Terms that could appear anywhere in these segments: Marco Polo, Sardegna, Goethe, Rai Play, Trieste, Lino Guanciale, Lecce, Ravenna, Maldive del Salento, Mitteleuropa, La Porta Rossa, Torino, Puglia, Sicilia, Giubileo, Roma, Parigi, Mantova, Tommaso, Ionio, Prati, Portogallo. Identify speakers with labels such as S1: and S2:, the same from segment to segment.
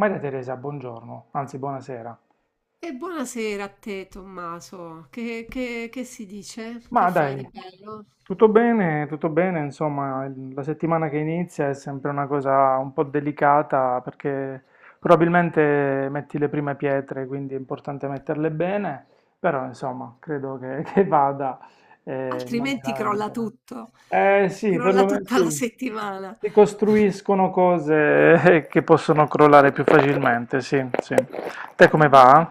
S1: Maria Teresa, buongiorno, anzi buonasera.
S2: E buonasera a te, Tommaso. Che si dice? Che
S1: Ma
S2: fai di
S1: dai,
S2: bello?
S1: tutto bene, insomma, la settimana che inizia è sempre una cosa un po' delicata perché probabilmente metti le prime pietre, quindi è importante metterle bene, però insomma, credo che, che vada, non mi
S2: Altrimenti crolla
S1: lamento.
S2: tutto,
S1: Eh sì,
S2: crolla
S1: perlomeno sì,
S2: tutta la settimana.
S1: si costruiscono cose che possono crollare più facilmente, sì, sì. Te
S2: È
S1: come
S2: vero.
S1: va?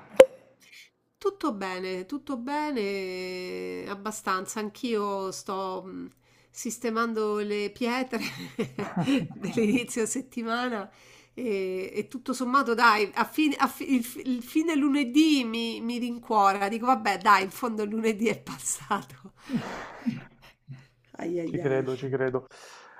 S2: Tutto bene, abbastanza. Anch'io sto sistemando le pietre dell'inizio settimana e tutto sommato, dai, a fine- a fi- il fine lunedì mi rincuora. Dico, vabbè, dai, in fondo il lunedì è passato. Ai
S1: Ci
S2: ai ai.
S1: credo, ci credo.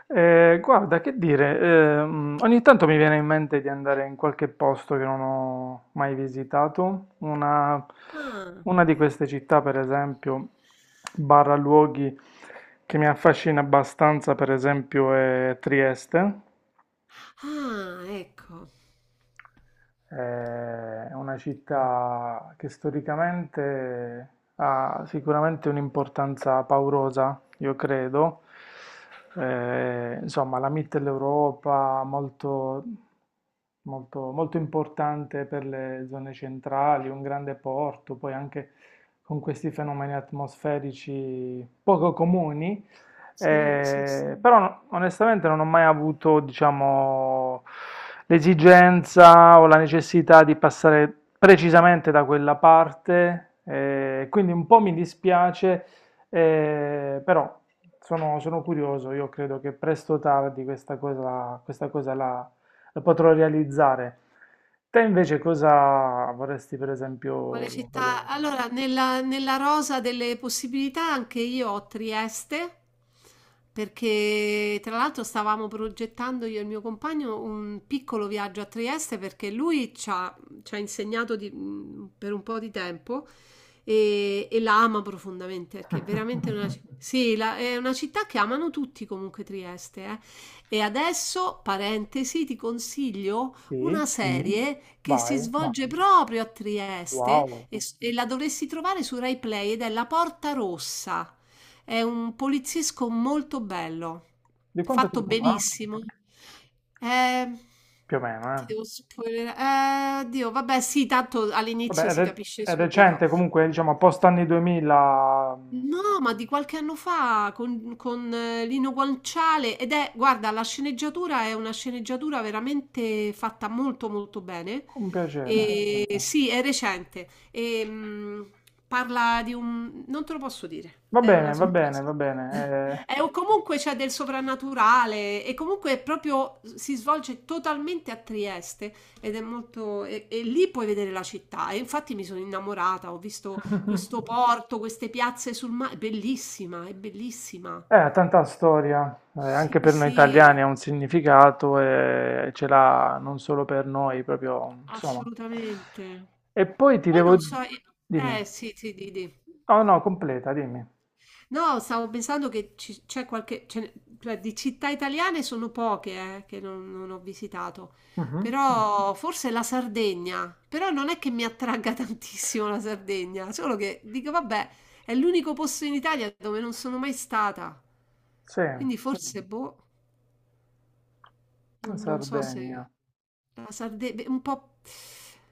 S1: Guarda, che dire, ogni tanto mi viene in mente di andare in qualche posto che non ho mai visitato.
S2: Ah,
S1: Una di queste città, per esempio, barra luoghi che mi affascina abbastanza, per esempio, è Trieste.
S2: ah, ecco.
S1: Eh, È una città che storicamente ha sicuramente un'importanza paurosa, io credo. Insomma, la Mitteleuropa, molto, molto, molto importante per le zone centrali, un grande porto, poi anche con questi fenomeni atmosferici poco comuni.
S2: Sì, sì, sì.
S1: Però onestamente non ho mai avuto, diciamo, l'esigenza o la necessità di passare precisamente da quella parte, quindi un po' mi dispiace, però sono, sono curioso, io credo che presto o tardi questa cosa la lo potrò realizzare. Te invece cosa vorresti per
S2: Quale
S1: esempio
S2: città?
S1: vedere?
S2: Allora, nella rosa delle possibilità anche io ho Trieste, perché tra l'altro stavamo progettando io e il mio compagno un piccolo viaggio a Trieste perché lui ci ha insegnato per un po' di tempo e la ama profondamente perché è veramente una, ci- sì, la- è una città che amano tutti comunque Trieste, eh. E adesso, parentesi, ti consiglio
S1: Sì,
S2: una serie che si
S1: vai.
S2: svolge proprio a Trieste
S1: Wow.
S2: e la dovresti trovare su Rai Play ed è La Porta Rossa. È un poliziesco molto bello,
S1: Di quanto
S2: fatto
S1: tempo fa?
S2: benissimo. Eh,
S1: Più o meno,
S2: ti
S1: eh.
S2: devo spoilerare. Dio, vabbè, sì, tanto
S1: Vabbè,
S2: all'inizio si capisce
S1: è
S2: subito.
S1: recente comunque, diciamo, post anni 2000.
S2: No, ma di qualche anno fa con Lino Guanciale ed è, guarda, la sceneggiatura è una sceneggiatura veramente fatta molto molto bene.
S1: Con piacere.
S2: E, bello. Sì, è recente. Parla di un... non te lo posso dire,
S1: Va
S2: è una
S1: bene, va bene,
S2: sorpresa.
S1: va bene.
S2: È,
S1: Eh.
S2: o comunque c'è del soprannaturale e comunque è proprio si svolge totalmente a Trieste ed è molto... e lì puoi vedere la città e infatti mi sono innamorata, ho visto questo porto, queste piazze sul mare, è bellissima, è bellissima.
S1: Ha tanta storia,
S2: Sì,
S1: anche per noi italiani
S2: sì,
S1: ha un significato e ce l'ha non solo per noi, proprio, insomma.
S2: assolutamente.
S1: E poi ti
S2: Poi
S1: devo...
S2: non so,
S1: Dimmi.
S2: eh sì, sì, di.
S1: Oh no, completa, dimmi.
S2: No, stavo pensando che ci- c'è qualche, ce ne- cioè, di città italiane sono poche, che non ho visitato,
S1: Mhm.
S2: però forse la Sardegna, però non è che mi attragga tantissimo la Sardegna, solo che dico, vabbè, è l'unico posto in Italia dove non sono mai stata,
S1: Sì, la
S2: quindi forse, boh. Non so se
S1: Sardegna.
S2: la Sardegna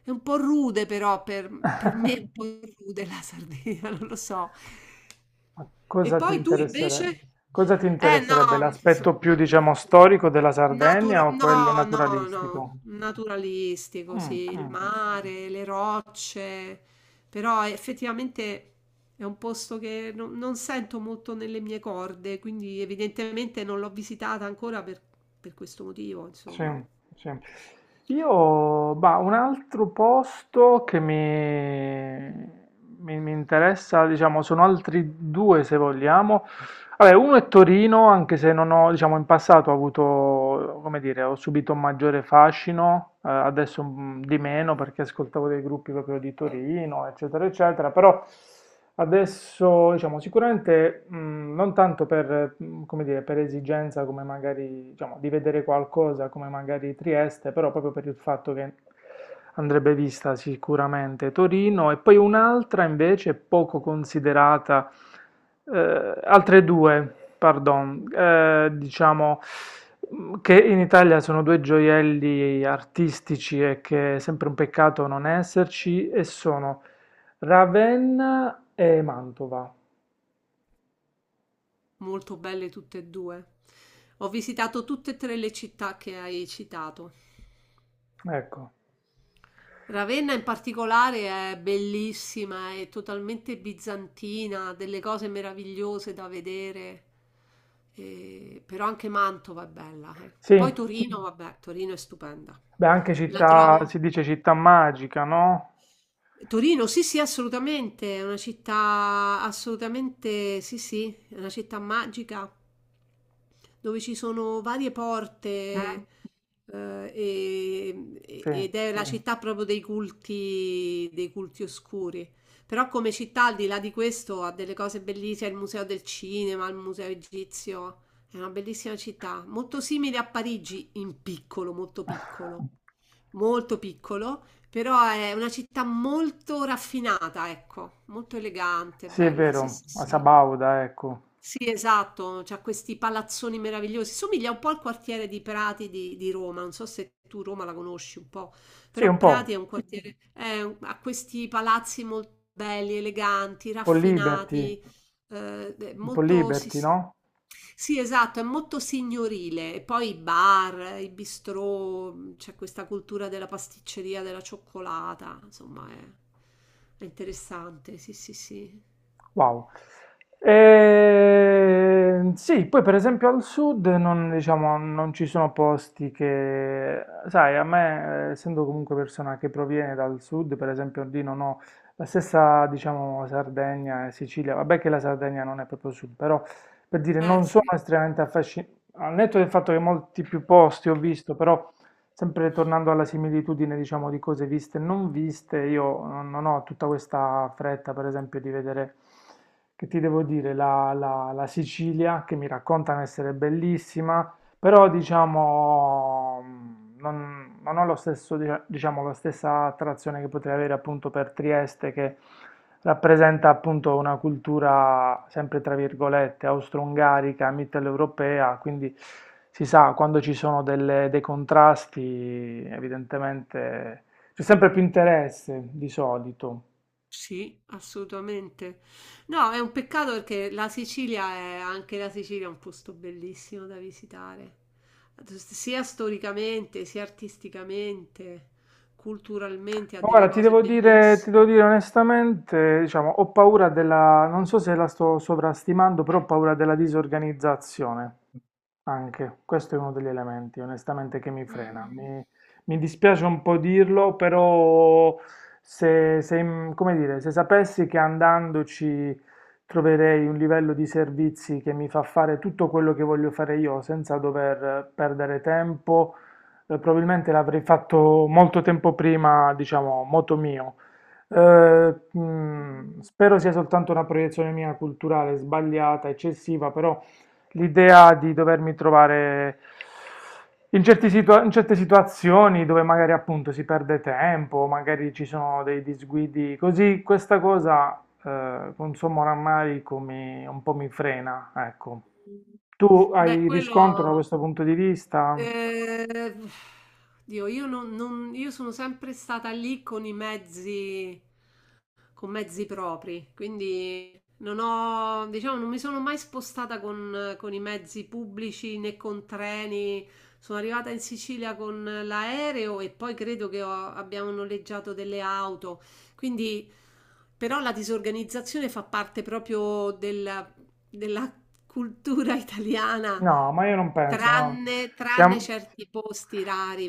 S2: è un po' rude, per me è un po' rude la Sardegna, non lo so.
S1: Ma
S2: E
S1: cosa ti
S2: poi tu invece?
S1: interesserebbe? Cosa ti
S2: Eh
S1: interesserebbe?
S2: no,
S1: L'aspetto più,
S2: insomma,
S1: diciamo, storico della
S2: natura-
S1: Sardegna o quello
S2: no, no,
S1: naturalistico?
S2: no, naturalistico, sì,
S1: Mm,
S2: il
S1: mm.
S2: mare, le rocce, però effettivamente è un posto che non sento molto nelle mie corde, quindi evidentemente non l'ho visitata ancora per questo motivo,
S1: Sì,
S2: insomma.
S1: sì. Io, bah, un altro posto che mi, mi interessa, diciamo, sono altri due se vogliamo. Vabbè, uno è Torino, anche se non ho, diciamo, in passato ho avuto, come dire, ho subito un maggiore fascino, adesso di meno perché ascoltavo dei gruppi proprio di Torino, eccetera, eccetera, però adesso, diciamo, sicuramente non tanto per, come dire, per esigenza come magari, diciamo, di vedere qualcosa come magari Trieste, però proprio per il fatto che andrebbe vista sicuramente Torino e poi un'altra invece poco considerata, altre due, pardon, diciamo che in Italia sono due gioielli artistici e che è sempre un peccato non esserci e sono Ravenna e Mantova.
S2: Molto belle tutte e due. Ho visitato tutte e tre le città che hai citato.
S1: Ecco,
S2: Ravenna in particolare è bellissima, è totalmente bizantina, ha delle cose meravigliose da vedere. E- però anche Mantova è bella, eh.
S1: sì,
S2: Poi Torino, vabbè, Torino è stupenda.
S1: beh, anche
S2: La
S1: città,
S2: trovo,
S1: si dice città magica, no?
S2: Torino, sì, sì, assolutamente, è una città assolutamente, sì, sì, è una città magica dove ci sono varie
S1: Mm.
S2: porte,
S1: Sì,
S2: ed è la mm, città proprio dei culti oscuri. Però come città, al di là di questo, ha delle cose bellissime, il Museo del Cinema, il Museo Egizio, è una bellissima città, molto simile a Parigi in piccolo, molto piccolo molto piccolo, però è una città molto raffinata, ecco, molto elegante,
S1: sì, è
S2: bella, sì,
S1: vero,
S2: sì,
S1: a
S2: sì.
S1: Sabauda, ecco.
S2: Sì, esatto, c'ha questi palazzoni meravigliosi. Somiglia un po' al quartiere di Prati di Roma. Non so se tu Roma la conosci un po',
S1: Sì,
S2: però Prati è un quartiere, ha questi palazzi molto belli, eleganti,
S1: po' Liberty,
S2: raffinati, è
S1: un po'
S2: molto, sì,
S1: Liberty,
S2: sì.
S1: no?
S2: Sì, esatto, è molto signorile. E poi i bar, i bistrò, c'è questa cultura della pasticceria, della cioccolata, insomma, è interessante. Sì, sì, sì.
S1: Wow. E... sì, poi per esempio al sud non, diciamo, non ci sono posti che, sai, a me, essendo comunque persona che proviene dal sud, per esempio lì non ho la stessa, diciamo, Sardegna e Sicilia, vabbè che la Sardegna non è proprio sud, però per dire non sono
S2: Sì.
S1: estremamente affascinato, al netto del fatto che molti più posti ho visto, però sempre tornando alla similitudine, diciamo, di cose viste e non viste, io non ho tutta questa fretta, per esempio, di vedere, che ti devo dire, la Sicilia, che mi raccontano essere bellissima, però diciamo non, non ho lo stesso, diciamo, la stessa attrazione che potrei avere appunto per Trieste che rappresenta appunto una cultura sempre tra virgolette austro-ungarica, mitteleuropea, quindi si sa quando ci sono dei contrasti evidentemente c'è sempre più interesse di solito.
S2: Sì, assolutamente. No, è un peccato perché la Sicilia è anche la Sicilia è un posto bellissimo da visitare, sia storicamente, sia artisticamente, culturalmente ha delle
S1: Ora
S2: cose
S1: ti devo
S2: bellissime.
S1: dire onestamente, diciamo, ho paura della, non so se la sto sovrastimando, però ho paura della disorganizzazione. Anche, questo è uno degli elementi, onestamente, che mi frena. Mi dispiace un po' dirlo, però se, se, mm, come dire, se sapessi che andandoci troverei un livello di servizi che mi fa fare tutto quello che voglio fare io senza dover perdere tempo, probabilmente l'avrei fatto molto tempo prima, diciamo, moto mio. Spero sia soltanto una proiezione mia culturale sbagliata, eccessiva, però l'idea di dovermi trovare in certe situazioni dove magari appunto si perde tempo, magari ci sono dei disguidi, così questa cosa con sommo rammarico un po' mi frena, ecco. Tu
S2: Beh,
S1: hai riscontro da
S2: quello
S1: questo punto di vista?
S2: eh, Dio, io non- non- io sono sempre stata lì con i mezzi con mezzi propri, quindi non ho, diciamo, non mi sono mai spostata con i mezzi pubblici né con treni. Sono arrivata in Sicilia con l'aereo e poi credo che abbiamo noleggiato delle auto. Quindi, però, la disorganizzazione fa parte proprio della cultura italiana,
S1: No, ma io non penso, no.
S2: tranne
S1: Siamo...
S2: certi posti rari,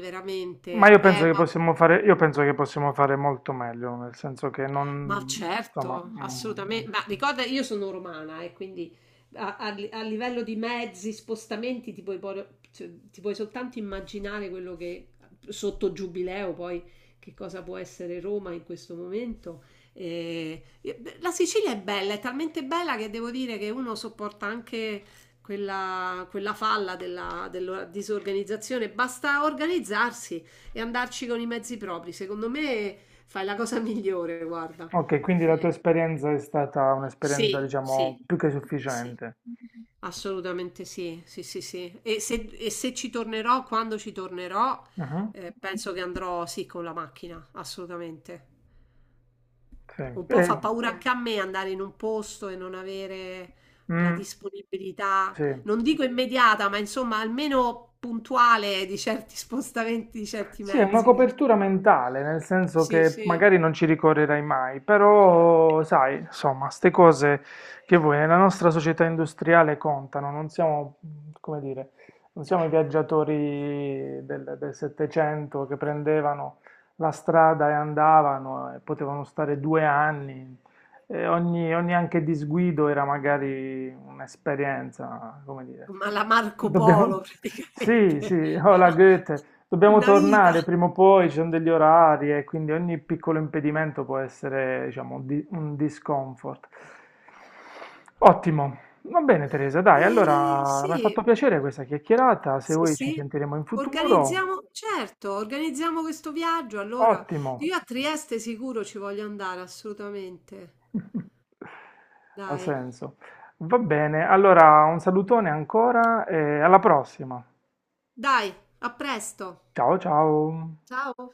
S2: veramente. Ma
S1: Io penso che possiamo fare molto meglio, nel senso che
S2: ma
S1: non, insomma,
S2: certo,
S1: mm,
S2: assolutamente. Ma ricorda, io sono romana e quindi a livello di mezzi, spostamenti, ti puoi soltanto immaginare quello che sotto Giubileo poi che cosa può essere Roma in questo momento. La Sicilia è bella, è talmente bella che devo dire che uno sopporta anche quella falla della disorganizzazione. Basta organizzarsi e andarci con i mezzi propri. Secondo me fai la cosa migliore, guarda.
S1: ok, quindi la tua esperienza è stata un'esperienza,
S2: Sì, sì,
S1: diciamo, più che
S2: sì.
S1: sufficiente.
S2: Assolutamente sì, sì, sì, sì. E se ci tornerò, quando ci tornerò,
S1: Mhm.
S2: penso che andrò sì con la macchina, assolutamente.
S1: Sì.
S2: Un po' fa
S1: E-
S2: paura anche a me andare in un posto e non avere la
S1: mm,
S2: disponibilità,
S1: sì.
S2: non dico immediata, ma insomma almeno puntuale di certi spostamenti, di certi
S1: Sì, è una
S2: mezzi, perché-
S1: copertura mentale, nel senso
S2: sì,
S1: che
S2: sì,
S1: magari non ci ricorrerai mai, però sai, insomma, ste cose che voi nella nostra società industriale contano, non siamo, come dire, non siamo i viaggiatori del Settecento che prendevano la strada e andavano e potevano stare 2 anni. E ogni, ogni anche disguido era magari un'esperienza, come dire.
S2: ma la Marco Polo
S1: Dobbiamo... Sì, sì,
S2: praticamente.
S1: oh la Goethe, dobbiamo
S2: Una vita.
S1: tornare prima o poi, ci sono degli orari e quindi ogni piccolo impedimento può essere, diciamo, un discomfort. Ottimo, va bene Teresa, dai, allora mi
S2: Sì,
S1: ha fatto
S2: mhmm,
S1: piacere questa chiacchierata, se
S2: sì,
S1: vuoi ci
S2: sì,
S1: sentiremo in futuro,
S2: organizziamo certo, organizziamo questo viaggio allora.
S1: ottimo,
S2: Io a Trieste sicuro ci voglio andare, assolutamente.
S1: ha
S2: Dai,
S1: senso. Va bene, allora un salutone ancora e alla prossima.
S2: dai, a presto.
S1: Ciao ciao.
S2: Ciao.